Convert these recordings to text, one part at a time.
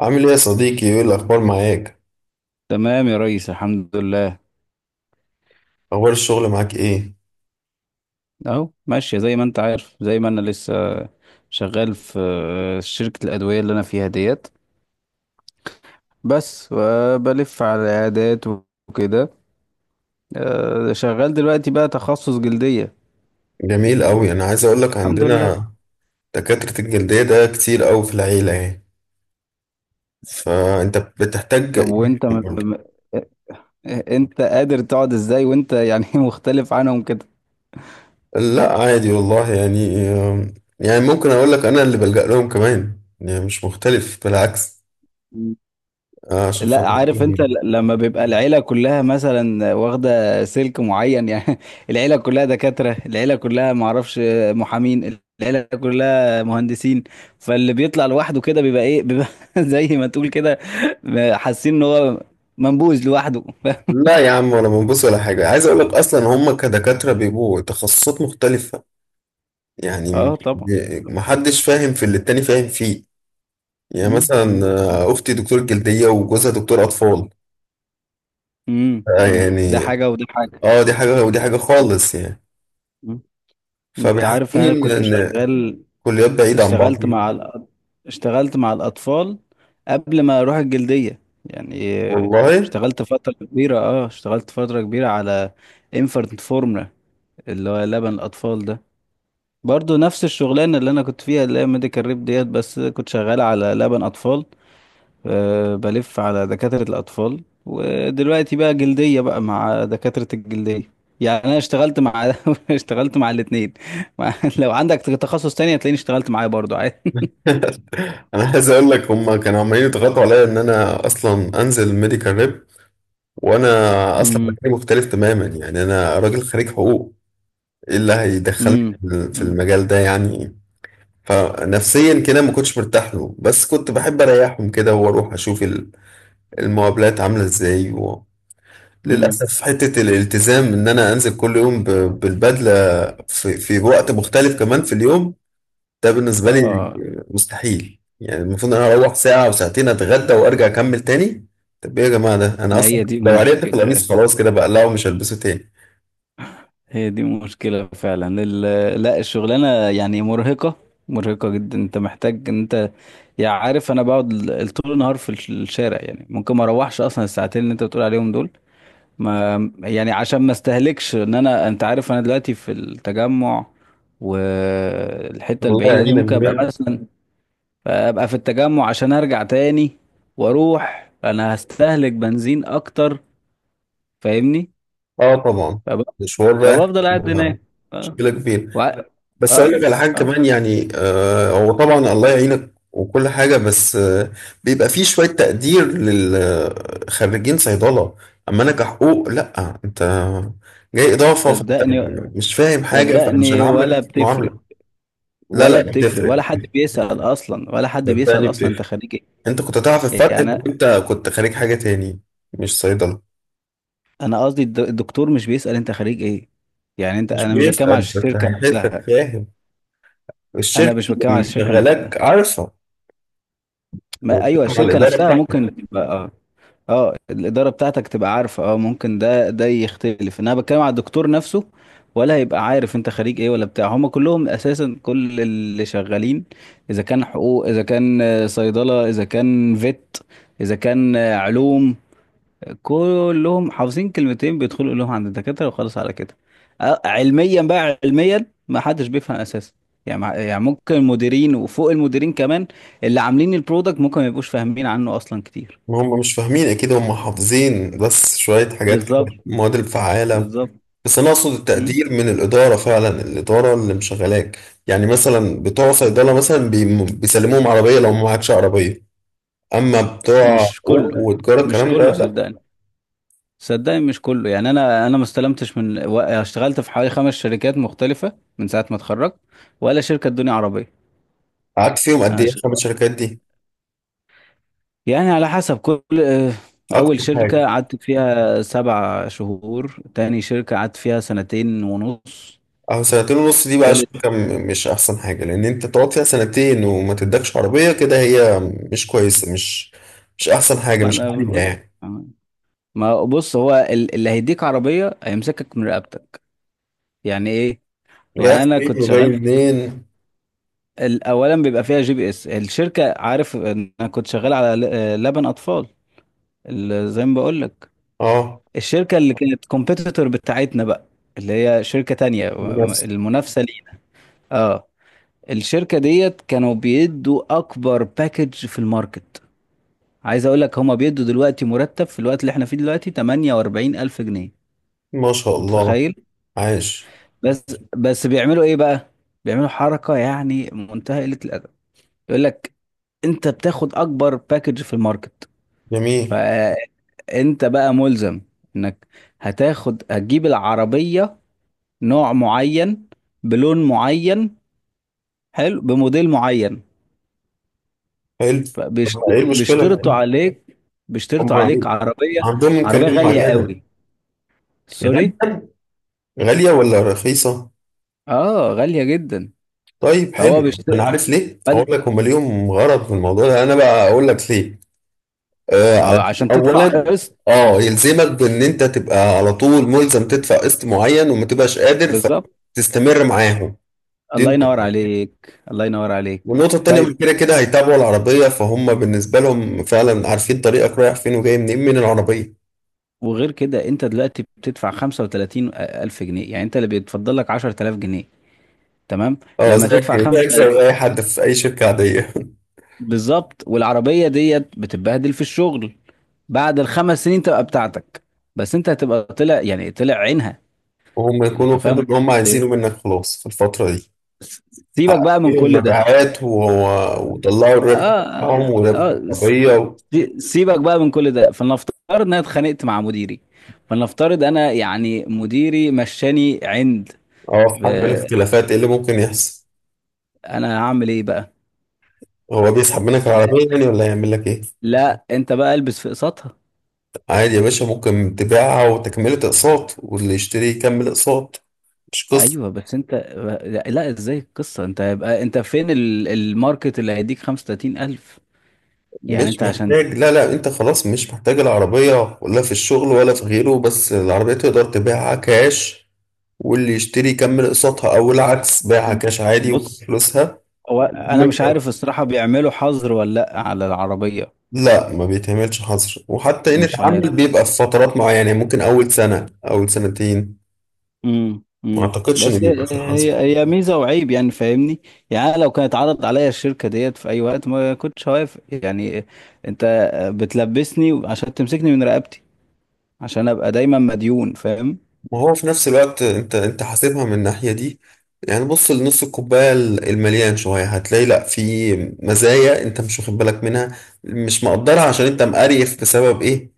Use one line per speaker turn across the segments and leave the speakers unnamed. عامل ايه يا صديقي؟ ايه الاخبار معاك؟
تمام يا ريس، الحمد لله.
اخبار الشغل معاك ايه؟
اهو ماشية زي ما انت عارف، زي ما انا لسه شغال في شركة الأدوية اللي انا فيها ديت. بس بلف على العيادات وكده. شغال دلوقتي بقى تخصص جلدية.
جميل قوي، انا عايز اقول لك
الحمد لله.
عندنا دكاترة الجلدية ده كتير قوي في العيلة يعني، فانت بتحتاج
طب وانت
ايه قول لي.
انت قادر تقعد ازاي وانت يعني مختلف عنهم كده؟
لا عادي والله، يعني يعني ممكن اقول لك انا اللي بلجأ لهم كمان، يعني مش مختلف بالعكس. عشان
لا،
خاطر
عارف انت لما بيبقى العيلة كلها مثلا واخدة سلك معين، يعني العيلة كلها دكاترة، العيلة كلها معرفش محامين، العيلة كلها مهندسين. فاللي بيطلع لوحده كده بيبقى ايه، بيبقى زي ما تقول كده حاسين ان هو منبوذ لوحده.
لا يا عم، ولا منبوس ولا حاجة. عايز أقول لك أصلا هم كدكاترة بيبقوا تخصصات مختلفة، يعني
اه، طبعا.
محدش فاهم في اللي التاني فاهم فيه. يعني
مم،
مثلا
مم.
اختي دكتور جلدية وجوزها دكتور اطفال.
مم،
آه،
مم. ده
يعني
حاجة وده حاجة.
اه دي حاجة ودي حاجة
مم،
خالص يعني،
مم. انت عارف
فبيحسسوني
انا
ان
كنت
إن
شغال،
كليات بعيدة عن بعض.
اشتغلت مع الأ- اشتغلت مع الأطفال قبل ما أروح الجلدية. يعني
والله،
اشتغلت فترة كبيرة، اشتغلت فترة كبيرة على infant formula، اللي هو لبن الأطفال ده، برضو نفس الشغلانة اللي أنا كنت فيها، اللي هي ميديكال ريب ديت، بس كنت شغال على لبن أطفال. أه بلف على دكاترة الأطفال، ودلوقتي بقى جلدية بقى مع دكاترة الجلدية. يعني أنا اشتغلت مع اشتغلت مع الاتنين. لو عندك تخصص تاني هتلاقيني اشتغلت معاه برضو.
انا عايز اقول لك هم كانوا عمالين يضغطوا عليا ان انا اصلا انزل ميديكال ريب، وانا اصلا
عادي.
مجالي مختلف تماما. يعني انا راجل خريج حقوق، ايه اللي هيدخلني
امم،
في
امم،
المجال ده يعني؟ فنفسيا كده ما كنتش مرتاح له، بس كنت بحب اريحهم كده واروح اشوف المقابلات عامله ازاي.
امم.
للأسف حتة الالتزام إن أنا أنزل كل يوم بالبدلة، في وقت مختلف كمان في اليوم، ده بالنسبة لي
اه،
مستحيل. يعني المفروض إن أنا أروح ساعة وساعتين أتغدى وأرجع أكمل تاني. طب إيه يا جماعة؟ ده أنا
ما
أصلا
هي دي
لو عرقت في القميص
مشكلة،
خلاص كده بقلعه ومش هلبسه تاني.
هي دي مشكلة فعلا. لا، الشغلانة يعني مرهقة، مرهقة جدا. انت محتاج ان انت يعني عارف، انا بقعد طول النهار في الشارع، يعني ممكن ما اروحش اصلا الساعتين اللي انت بتقول عليهم دول. ما يعني عشان ما استهلكش ان انا، انت عارف انا دلوقتي في التجمع والحتة
الله
البعيدة دي،
يعين
ممكن ابقى
الجميع.
مثلا ابقى في التجمع عشان ارجع تاني، واروح انا هستهلك بنزين اكتر، فاهمني؟
آه طبعا،
فب...
مشوار رايح
فبفضل قاعد
بيبقى
هناك. اه.
مشكلة كبيرة.
وع...
بس اقول لك
اه،
على حاجه
اه،
كمان، يعني هو طبعا الله يعينك وكل حاجه، بس بيبقى فيه شويه تقدير للخريجين صيدله، اما انا كحقوق لا، انت جاي اضافه فانت
صدقني،
مش فاهم حاجه فمش
صدقني
هنعاملك
ولا بتفرق،
معامله. لا
ولا
لا،
بتفرق،
بتفرق.
ولا حد بيسأل اصلا، ولا حد
صدقني
بيسأل اصلا
بتفرق.
انت خريج
انت كنت تعرف
ايه،
الفرق
يعني
لو
انا.
انت كنت خريج حاجه تاني مش صيدله.
أنا قصدي الدكتور مش بيسأل انت خريج ايه، يعني انت،
مش
انا مش بتكلم على
بيسال بس
الشركة
هيحسك
نفسها.
فاهم،
انا
الشركه
مش بتكلم
اللي
على الشركة نفسها.
مشغلاك عارفه. أنا
ما ايوه،
بتكلم على
الشركة
الاداره
نفسها
بتاعتك.
ممكن تبقى اه. اه الإدارة بتاعتك تبقى عارفة، اه ممكن ده يختلف، انا بتكلم على الدكتور نفسه، ولا هيبقى عارف انت خريج ايه ولا بتاع. هما كلهم اساسا كل اللي شغالين اذا كان حقوق، اذا كان صيدلة، اذا كان فيت، اذا كان علوم، كلهم حافظين كلمتين بيدخلوا لهم عند الدكاترة، وخلاص على كده. علميا بقى، علميا ما حدش بيفهم اساسا. يعني يعني ممكن المديرين وفوق المديرين كمان، اللي عاملين البرودكت، ممكن ما يبقوش فاهمين عنه اصلا كتير.
ما هم مش فاهمين اكيد، هم حافظين بس شوية حاجات كده،
بالظبط،
المواد الفعالة.
بالظبط.
بس انا اقصد
مم.
التقدير من الادارة فعلا، الادارة اللي مشغلاك. يعني مثلا بتوع صيدلة مثلا بيسلموهم عربية لو ما معكش عربية، اما بتوع
مش
حقوق
كله،
وتجارة
مش
الكلام
كله
ده لا.
صدقني، صدقني مش كله. يعني انا ما استلمتش من اشتغلت في حوالي خمس شركات مختلفه من ساعه ما اتخرجت، ولا شركه ادوني عربيه.
قعدت فيهم قد
أنا
ايه
ش-
اصلا الشركات دي؟
يعني على حسب كل
اكتر
اول شركه
حاجة؟
قعدت فيها 7 شهور، تاني شركه قعدت فيها سنتين ونص،
اهو سنتين ونص دي بقى
تالت.
شركة مش احسن حاجة، لان انت تقعد فيها سنتين وما تدكش عربية. كده هي مش كويسة، مش احسن حاجة،
ما
مش
انا
عالية
بقول.
يعني.
آه. ما بص، هو اللي هيديك عربيه هيمسكك من رقبتك، يعني ايه؟
رايح
يعني انا كنت
فين وجاي
شغال
منين.
اولا بيبقى فيها جي بي اس. الشركه، عارف إن انا كنت شغال على لبن اطفال، زي ما بقول لك،
اه،
الشركه اللي كانت كومبيتيتور بتاعتنا بقى، اللي هي شركه تانية
بنفس.
المنافسه لينا. اه الشركه ديت كانوا بيدوا اكبر باكج في الماركت. عايز اقول لك هما بيدوا دلوقتي مرتب في الوقت اللي احنا فيه دلوقتي 48 الف جنيه.
ما شاء الله.
متخيل؟
عاش.
بس بس بيعملوا ايه بقى؟ بيعملوا حركه، يعني منتهى قله الادب. يقول لك: انت بتاخد اكبر باكج في الماركت،
جميل.
فانت بقى ملزم انك هتاخد، هتجيب العربية نوع معين، بلون معين، حلو، بموديل معين.
حلو. طب ايه المشكلة؟
بيشترطوا عليك،
هم
بيشترطوا عليك عربية،
عندهم
عربية
إمكانية
غالية
معينة.
قوي. سوري،
غالية؟ غالية ولا رخيصة؟
اه غالية جدا.
طيب
فهو
حلو. أنا
بيشترط
عارف ليه، أقول
فانت،
لك. هم ليهم غرض في الموضوع ده، أنا بقى أقول لك ليه. آه،
ما هو
علشان
عشان تدفع
أولا،
قسط.
اه يلزمك بإن أنت تبقى على طول ملزم تدفع قسط معين، وما تبقاش قادر
بالظبط،
فتستمر معاهم. دي
الله ينور
نقطة.
عليك، الله ينور عليك.
والنقطة التانية،
طيب
هم كده كده هيتابعوا العربية، فهم بالنسبة لهم فعلا عارفين طريقك رايح فين وجاي منين من العربية.
وغير كده انت دلوقتي بتدفع 35 الف جنيه، يعني انت اللي بيتفضل لك 10,000 جنيه، تمام.
اه،
لما
زيك
تدفع تمام
زيك زي
خمسة.
أي حد في أي شركة عادية.
بالظبط. والعربية ديت بتتبهدل في الشغل. بعد الخمس سنين تبقى بتاعتك، بس انت هتبقى طلع، يعني طلع عينها.
وهم
انت
يكونوا خدوا
فاهم
اللي هم
قصدي
عايزينه
ايه؟
منك خلاص في الفترة دي.
س- سيبك
حققوا
بقى من كل ده.
المبيعات وطلعوا الربح
اه،
بتاعهم
اه،
وربح العربية
سيبك بقى من كل ده. فلنفترض ان انا اتخانقت مع مديري، فلنفترض انا يعني مديري مشاني عند.
اه، في حل
ب-
الاختلافات ايه اللي ممكن يحصل؟
انا هعمل ايه بقى؟
هو بيسحب منك العربية يعني، ولا هيعمل لك ايه؟
لا، انت بقى البس في قسطها.
عادي يا باشا، ممكن تبيعها وتكملة اقساط واللي يشتري يكمل اقساط، مش قصة.
ايوه بس انت، لا، ازاي القصه؟ انت هيبقى انت فين الماركت اللي هيديك 35,000؟ يعني
مش
انت عشان،
محتاج، لا لا، انت خلاص مش محتاج العربية ولا في الشغل ولا في غيره، بس العربية تقدر تبيعها كاش، واللي يشتري يكمل قسطها او العكس بيعها كاش عادي وخد
بص
فلوسها.
هو انا مش عارف الصراحه بيعملوا حظر ولا لا على العربيه.
لا ما بيتعملش حظر، وحتى ان
مش
اتعمل
عارف.
بيبقى في فترات معينة، يعني ممكن اول سنة اول سنتين. ما اعتقدش ان
بس
بيبقى
هي
في حظر.
هي هي ميزه وعيب، يعني فاهمني؟ يعني أنا لو كانت عرضت عليا الشركه ديت في اي وقت ما كنتش هوافق يعني. انت بتلبسني عشان تمسكني من رقبتي، عشان ابقى دايما مديون، فاهم؟
ما هو في نفس الوقت انت حاسبها من الناحية دي. يعني بص لنص الكوباية المليان شوية، هتلاقي لا، في مزايا انت مش واخد بالك منها، مش مقدرها، عشان انت مقريف بسبب ايه؟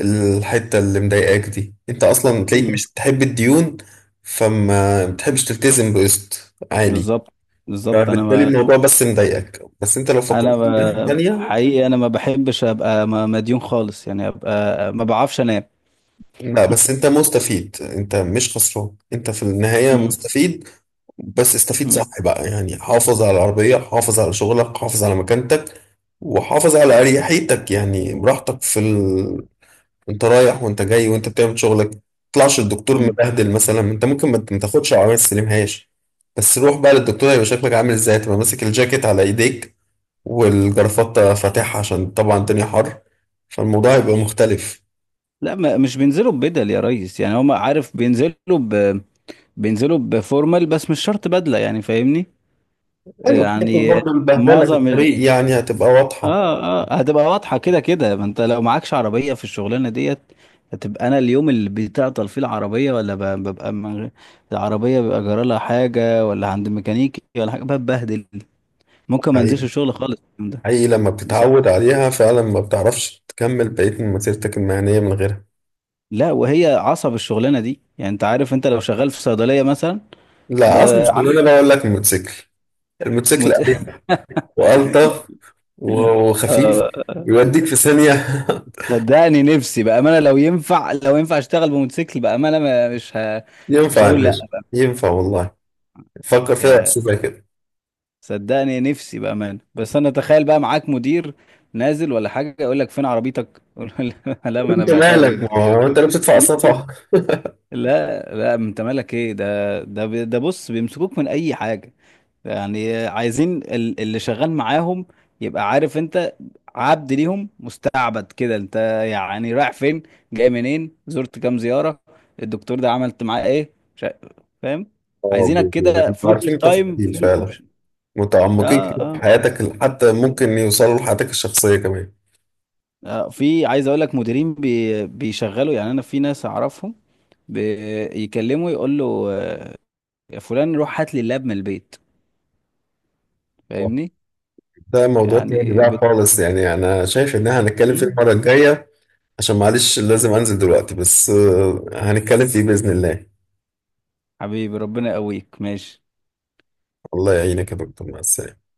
الحتة اللي مضايقاك دي، انت اصلا تلاقيك
امم.
مش بتحب الديون، فما بتحبش تلتزم بقسط عالي.
بالظبط، بالظبط.
فبالتالي الموضوع بس مضايقك، بس انت لو
انا
فكرت في الناحية التانية.
حقيقي انا ما بحبش ابقى مديون خالص، يعني ابقى ما بعرفش انام.
لا، بس انت مستفيد، انت مش خسران، انت في النهاية
مم.
مستفيد. بس استفيد
مم.
صح بقى، يعني حافظ على العربية، حافظ على شغلك، حافظ على مكانتك، وحافظ على أريحيتك، يعني براحتك انت رايح وانت جاي وانت بتعمل شغلك، تطلعش الدكتور
مم.
مبهدل مثلا. انت ممكن ما تاخدش العربية، ما تستلمهاش، بس روح بقى للدكتور، هيبقى شكلك عامل ازاي؟ تبقى ماسك الجاكيت على ايديك والجرافطة فاتحة عشان طبعا الدنيا حر، فالموضوع هيبقى مختلف.
لا، ما مش بينزلوا ببدل يا ريس، يعني هم عارف بينزلوا بينزلوا بفورمال، بس مش شرط بدلة، يعني فاهمني.
ايوه
يعني
برضه، البهدله في
معظم
الطريق يعني، هتبقى واضحه.
اه، اه هتبقى واضحة كده كده، ما انت لو معكش عربية في الشغلانة ديت، هتبقى انا اليوم اللي بتعطل فيه العربية، ولا ببقى من... غير- العربية بيبقى جرالها حاجة ولا عند ميكانيكي ولا حاجة، ببهدل، ممكن ما انزلش
حقيقي،
الشغل خالص اليوم ده.
حقيقي لما
بسبب.
بتتعود عليها فعلا ما بتعرفش تكمل بقية مسيرتك المهنية من غيرها.
لا وهي عصب الشغلانه دي، يعني انت عارف، انت لو شغال في صيدليه مثلا ب-
لا أصل مش
عارف.
اللي أنا بقول لك، الموتوسيكل. الموتوسيكل
مت...
أريح وألطف وخفيف،
آه،
يوديك في ثانية.
صدقني نفسي بامانه لو ينفع، لو ينفع اشتغل بموتوسيكل بامانه، ما مش مش
ينفع يا
هقول لا.
باشا، ينفع والله. فكر فيها،
يا،
شوفها كده.
صدقني نفسي بامانه، بس انا تخيل بقى معاك مدير نازل ولا حاجه يقول لك فين عربيتك، أقول له لا، ما انا
انت
بعتها وجبت
مالك؟ ما
دي.
هو انت اللي بتدفع الصفحة.
لا، لا، انت مالك ايه، ده ده بص، بيمسكوك من اي حاجه، يعني عايزين اللي شغال معاهم يبقى عارف انت. عبد ليهم، مستعبد كده انت. يعني رايح فين، جاي منين، زرت كام زيارة، الدكتور ده عملت معاه ايه، فاهم؟
اه،
عايزينك كده
بيبقوا
فول
عارفين
تايم
التفاصيل
فول
فعلا،
اوبشن.
متعمقين
اه،
كده في
اه،
حياتك، حتى ممكن يوصلوا لحياتك الشخصية كمان.
في، عايز اقول لك مديرين بيشغلوا، يعني انا في ناس اعرفهم بيكلموا يقول له يا فلان روح هات لي اللاب من البيت،
آه،
فاهمني؟
ده موضوع تاني
يعني
بقى خالص، يعني انا شايف ان احنا هنتكلم فيه
مم؟
المرة الجاية. عشان معلش لازم انزل دلوقتي، بس هنتكلم فيه بإذن الله.
حبيبي، ربنا يقويك، ماشي.
الله يعينك يا دكتور، مع السلامة.